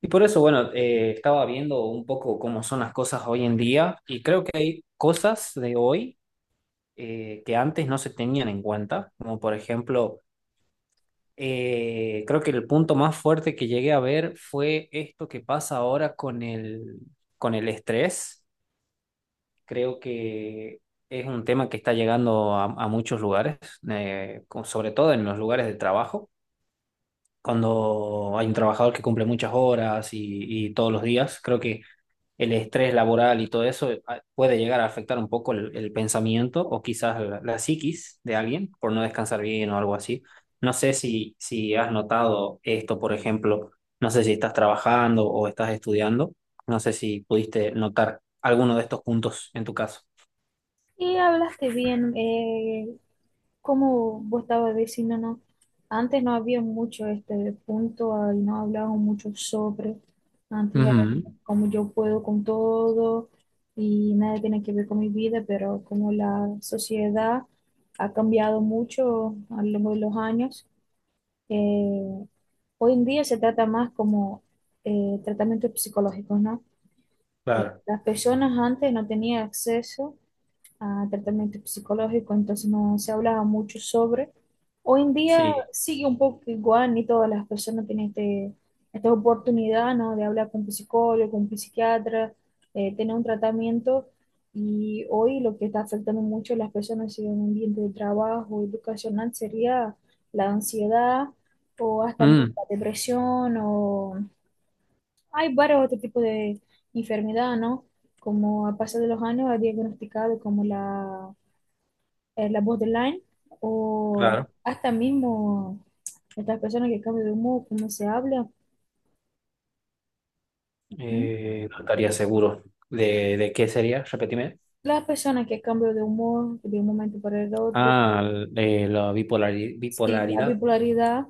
Y por eso, bueno, estaba viendo un poco cómo son las cosas hoy en día y creo que hay cosas de hoy que antes no se tenían en cuenta, como por ejemplo, creo que el punto más fuerte que llegué a ver fue esto que pasa ahora con el estrés. Creo que es un tema que está llegando a muchos lugares, sobre todo en los lugares de trabajo. Cuando hay un trabajador que cumple muchas horas y todos los días, creo que el estrés laboral y todo eso puede llegar a afectar un poco el pensamiento o quizás la psiquis de alguien por no descansar bien o algo así. No sé si has notado esto, por ejemplo, no sé si estás trabajando o estás estudiando, no sé si pudiste notar alguno de estos puntos en tu caso. Y hablaste bien, como vos estabas diciendo, ¿no? Antes no había mucho este punto, ahí no hablaban mucho sobre, antes era Ujú. como yo puedo con todo y nada tiene que ver con mi vida, pero como la sociedad ha cambiado mucho a lo largo de los años, eh, hoy en día se trata más como tratamientos psicológicos, ¿no? Claro, Las personas antes no tenían acceso a tratamiento psicológico, entonces no se hablaba mucho sobre. Hoy en día sí. sigue un poco igual, ni todas las personas tienen esta oportunidad, ¿no?, de hablar con un psicólogo, con un psiquiatra, tener un tratamiento. Y hoy lo que está afectando mucho a las personas en el ambiente de trabajo educacional sería la ansiedad o hasta la Mm, depresión, o hay varios otros tipos de enfermedad, ¿no? Como a pasar de los años ha diagnosticado como la la borderline o claro. hasta mismo estas personas que cambian de humor, cómo se habla. ¿M? No estaría seguro de qué sería, repetime. Las personas que cambian de humor de un momento para el otro. Ah, de la Sí, la bipolaridad. bipolaridad.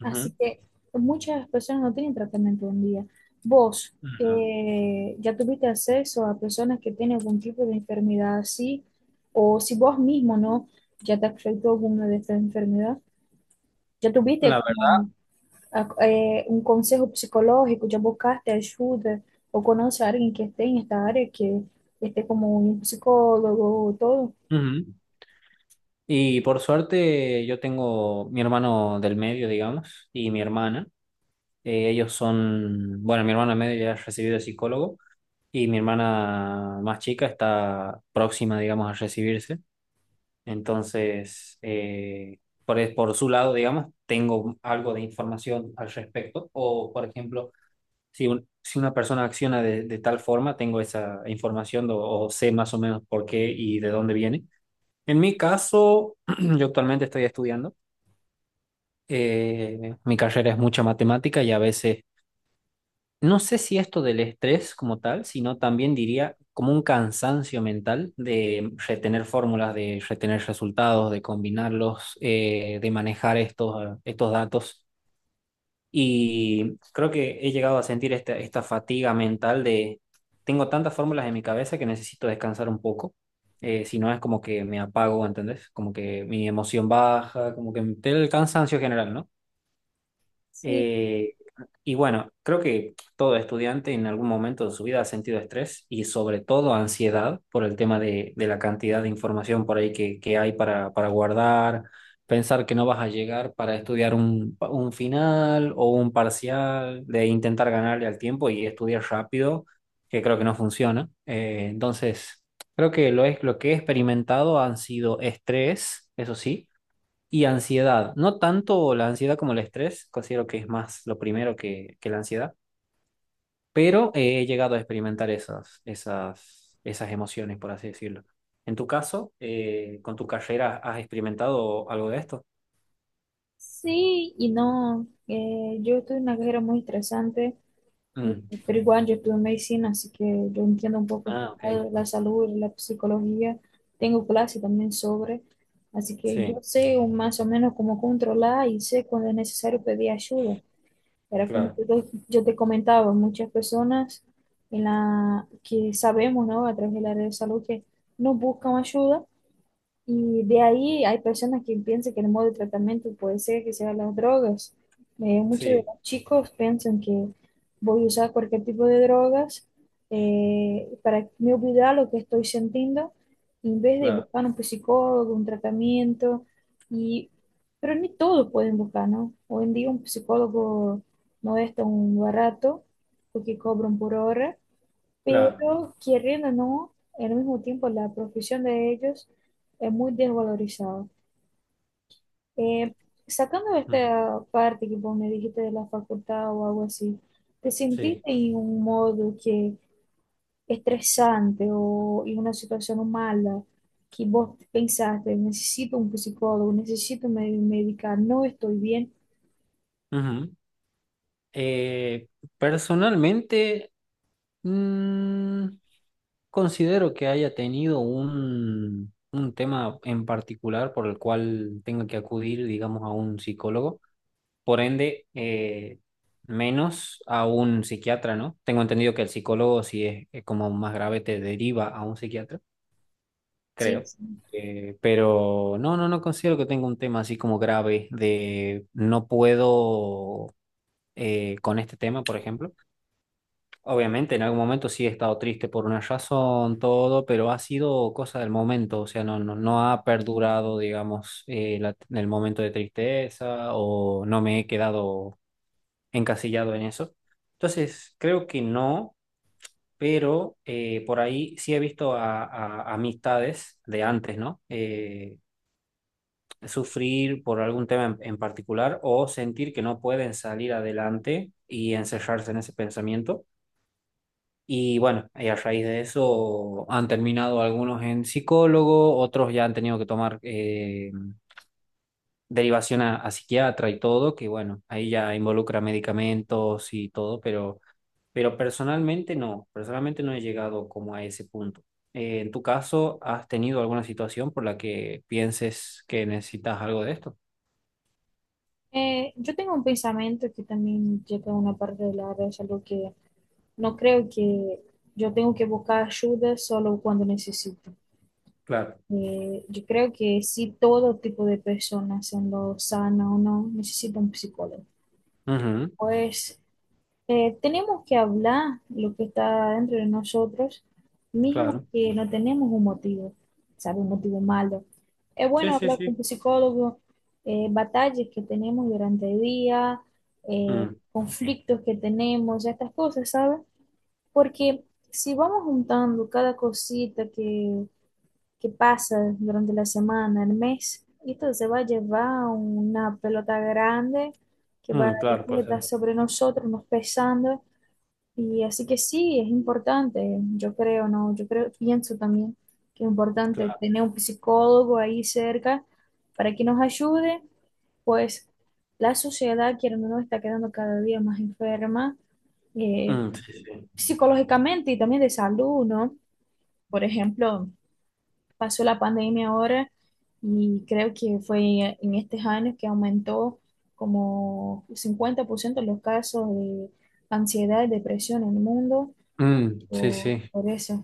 Así Ujú. que muchas personas no tienen tratamiento un día. Vos, Ujú. ¿Ya tuviste acceso a personas que tienen algún tipo de enfermedad así? O si vos mismo, ¿no? ¿Ya te afectó alguna de estas enfermedades? ¿Ya La tuviste verdad. como a- um conselho psicológico, de buscaste ajuda ou conhece alguém que esteja en esta área, que esté como um psicólogo todo? Ujú. Y por suerte yo tengo mi hermano del medio, digamos, y mi hermana. Ellos son, bueno, mi hermana medio ya ha recibido de psicólogo y mi hermana más chica está próxima, digamos, a recibirse. Entonces, por su lado, digamos, tengo algo de información al respecto. O, por ejemplo, si una persona acciona de tal forma, tengo esa información o sé más o menos por qué y de dónde viene. En mi caso, yo actualmente estoy estudiando. Eh, mi carrera es mucha matemática y a veces, no sé si esto del estrés como tal, sino también diría como un cansancio mental de retener fórmulas, de retener resultados, de combinarlos, de manejar estos datos. Y creo que he llegado a sentir esta fatiga mental de, tengo tantas fórmulas en mi cabeza que necesito descansar un poco. Si no es como que me apago, ¿entendés? Como que mi emoción baja, como que el cansancio general, ¿no? Sí, Eh, y bueno, creo que todo estudiante en algún momento de su vida ha sentido estrés y sobre todo ansiedad por el tema de la cantidad de información por ahí que hay para guardar, pensar que no vas a llegar para estudiar un final o un parcial, de intentar ganarle al tiempo y estudiar rápido, que creo que no funciona. Entonces, creo que lo que he experimentado han sido estrés, eso sí, y ansiedad, no tanto la ansiedad como el estrés, considero que es más lo primero que la ansiedad, pero he llegado a experimentar esas emociones, por así decirlo. En tu caso, con tu carrera, ¿has experimentado algo de esto? sí y no. Yo estuve en una carrera muy estresante, eh, Mm. pero igual yo estuve medicina, así que yo entiendo un poco este Ah, ok. lado la salud, la psicología. Tengo clase también sobre, así que Sí, más o menos cómo controlar y sé cuándo es necesario pedir ayuda. Era como claro, yo te comentaba, muchas personas en la que sabemos, ¿no? A través del área de salud que no buscan ayuda, y de ahí hay personas que piensan que el modo de tratamiento puede ser que sean las drogas. Muchos de sí, los chicos piensan que voy a usar cualquier tipo de drogas, para me olvidar lo que estoy sintiendo, en vez de claro, buscar un psicólogo, un tratamiento. Y, pero ni todos pueden buscar, ¿no? Hoy en día un psicólogo no es tan barato porque cobran por hora, pero claro. queriendo o no, al mismo tiempo la profesión de ellos es muy desvalorizada. Eh, sacando Ujú. esta parte que vos me dijiste de la facultad o algo así, ¿te Sí. sentiste en un modo que estresante o en una situación mala que vos pensaste, necesito un psicólogo, necesito me medicar, no estoy bien? Ujú. Eh, personalmente, mm, considero que haya tenido un tema en particular por el cual tenga que acudir, digamos, a un psicólogo, por ende, menos a un psiquiatra, ¿no? Tengo entendido que el psicólogo, si es, es como más grave, te deriva a un psiquiatra, Sí. creo. Sí. Pero no considero que tenga un tema así como grave de no puedo con este tema, por ejemplo. Obviamente, en algún momento sí he estado triste por una razón, todo, pero ha sido cosa del momento, o sea, no ha perdurado, digamos, el momento de tristeza o no me he quedado encasillado en eso. Entonces, creo que no, pero por ahí sí he visto amistades de antes, ¿no? Sufrir por algún tema en particular o sentir que no pueden salir adelante y encerrarse en ese pensamiento. Y bueno, y a raíz de eso han terminado algunos en psicólogo, otros ya han tenido que tomar derivación a psiquiatra y todo, que bueno, ahí ya involucra medicamentos y todo, pero personalmente no he llegado como a ese punto. ¿En tu caso has tenido alguna situación por la que pienses que necesitas algo de esto? Yo tengo un pensamiento que también llega a una parte del área de la salud que no creo que yo tengo que buscar ayuda solo cuando necesito. Claro. Yo creo que sí, todo tipo de personas, siendo sana o no, necesita un psicólogo. Ujú, Pues tenemos que hablar lo que está dentro de nosotros, mismo claro. que no tenemos un motivo, ¿sabe? Un motivo malo. Es Sí, bueno sí, hablar con sí. un psicólogo, batallas que tenemos durante el día, eh, Mm, conflictos que tenemos, estas cosas, ¿sabe? Porque si vamos juntando cada cosita que pasa durante la semana, el mes, esto se va a llevar una pelota grande que va mm, claro, después a pues. estar sobre nosotros, nos pesando. Y así que sí, es importante, yo creo, ¿no? Yo creo, pienso también que es importante Claro. tener un psicólogo ahí cerca para que nos ayude, pues la sociedad, quiero o no, está quedando cada día más enferma. eh, Mm, sí, sí. psicológicamente y también de salud, ¿no? Por ejemplo, pasó la pandemia ahora y creo que fue en estos años que aumentó como 50% los casos de ansiedad y depresión en el mundo Mm, sí, sí. por eso.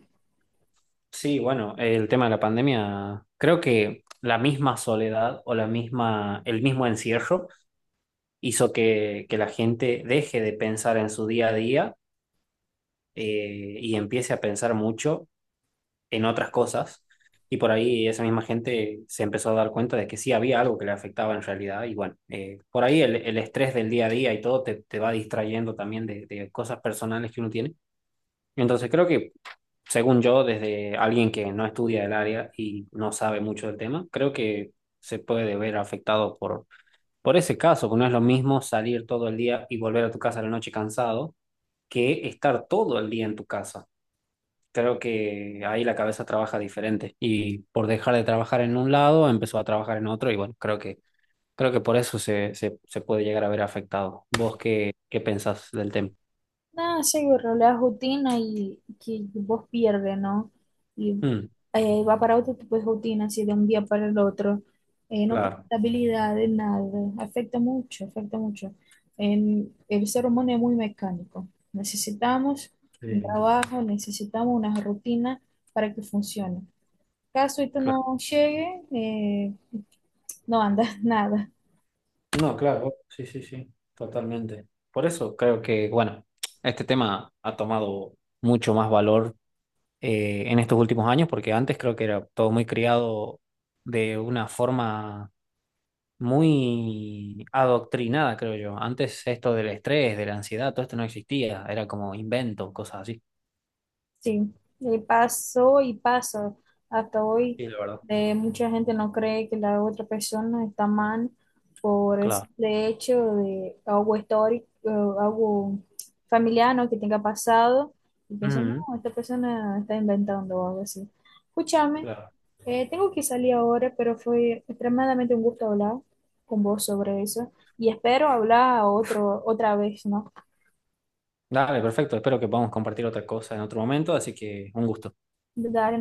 Sí, bueno, el tema de la pandemia, creo que la misma soledad o la misma, el mismo encierro hizo que la gente deje de pensar en su día a día y empiece a pensar mucho en otras cosas. Y por ahí esa misma gente se empezó a dar cuenta de que sí había algo que le afectaba en realidad. Y bueno, por ahí el estrés del día a día y todo te va distrayendo también de cosas personales que uno tiene. Entonces creo que según yo, desde alguien que no estudia el área y no sabe mucho del tema, creo que se puede ver afectado por ese caso, que no es lo mismo salir todo el día y volver a tu casa a la noche cansado que estar todo el día en tu casa. Creo que ahí la cabeza trabaja diferente y por dejar de trabajar en un lado empezó a trabajar en otro y bueno, creo que por eso se puede llegar a ver afectado. ¿Vos qué pensás del tema? Nada, sí, borró la rutina y que vos pierdes, ¿no? Y Mm, va para otro tipo de rutina, así de un día para el otro. No tiene claro. estabilidad de nada. Afecta mucho, afecta mucho. El ser humano es muy mecánico. Necesitamos Sí. un trabajo, necesitamos una rutina para que funcione. Caso esto no llegue, no anda nada. No, claro, sí, sí, sí, totalmente. Por eso creo que, bueno, este tema ha tomado mucho más valor en estos últimos años, porque antes creo que era todo muy criado de una forma muy adoctrinada, creo yo. Antes esto del estrés, de la ansiedad, todo esto no existía, era como invento, cosas así. Sí, y pasó y pasa hasta hoy. Sí, la verdad. Mucha gente no cree que la otra persona está mal por el Claro. simple hecho de algo histórico, algo familiar, ¿no?, que tenga pasado. Y piensan, Mm, no, esta persona está inventando o algo así. Escúchame, claro. Tengo que salir ahora, pero fue extremadamente un gusto hablar con vos sobre eso. Y espero hablar otra vez, ¿no? Dale, perfecto. Espero que podamos compartir otra cosa en otro momento, así que un gusto. Dale,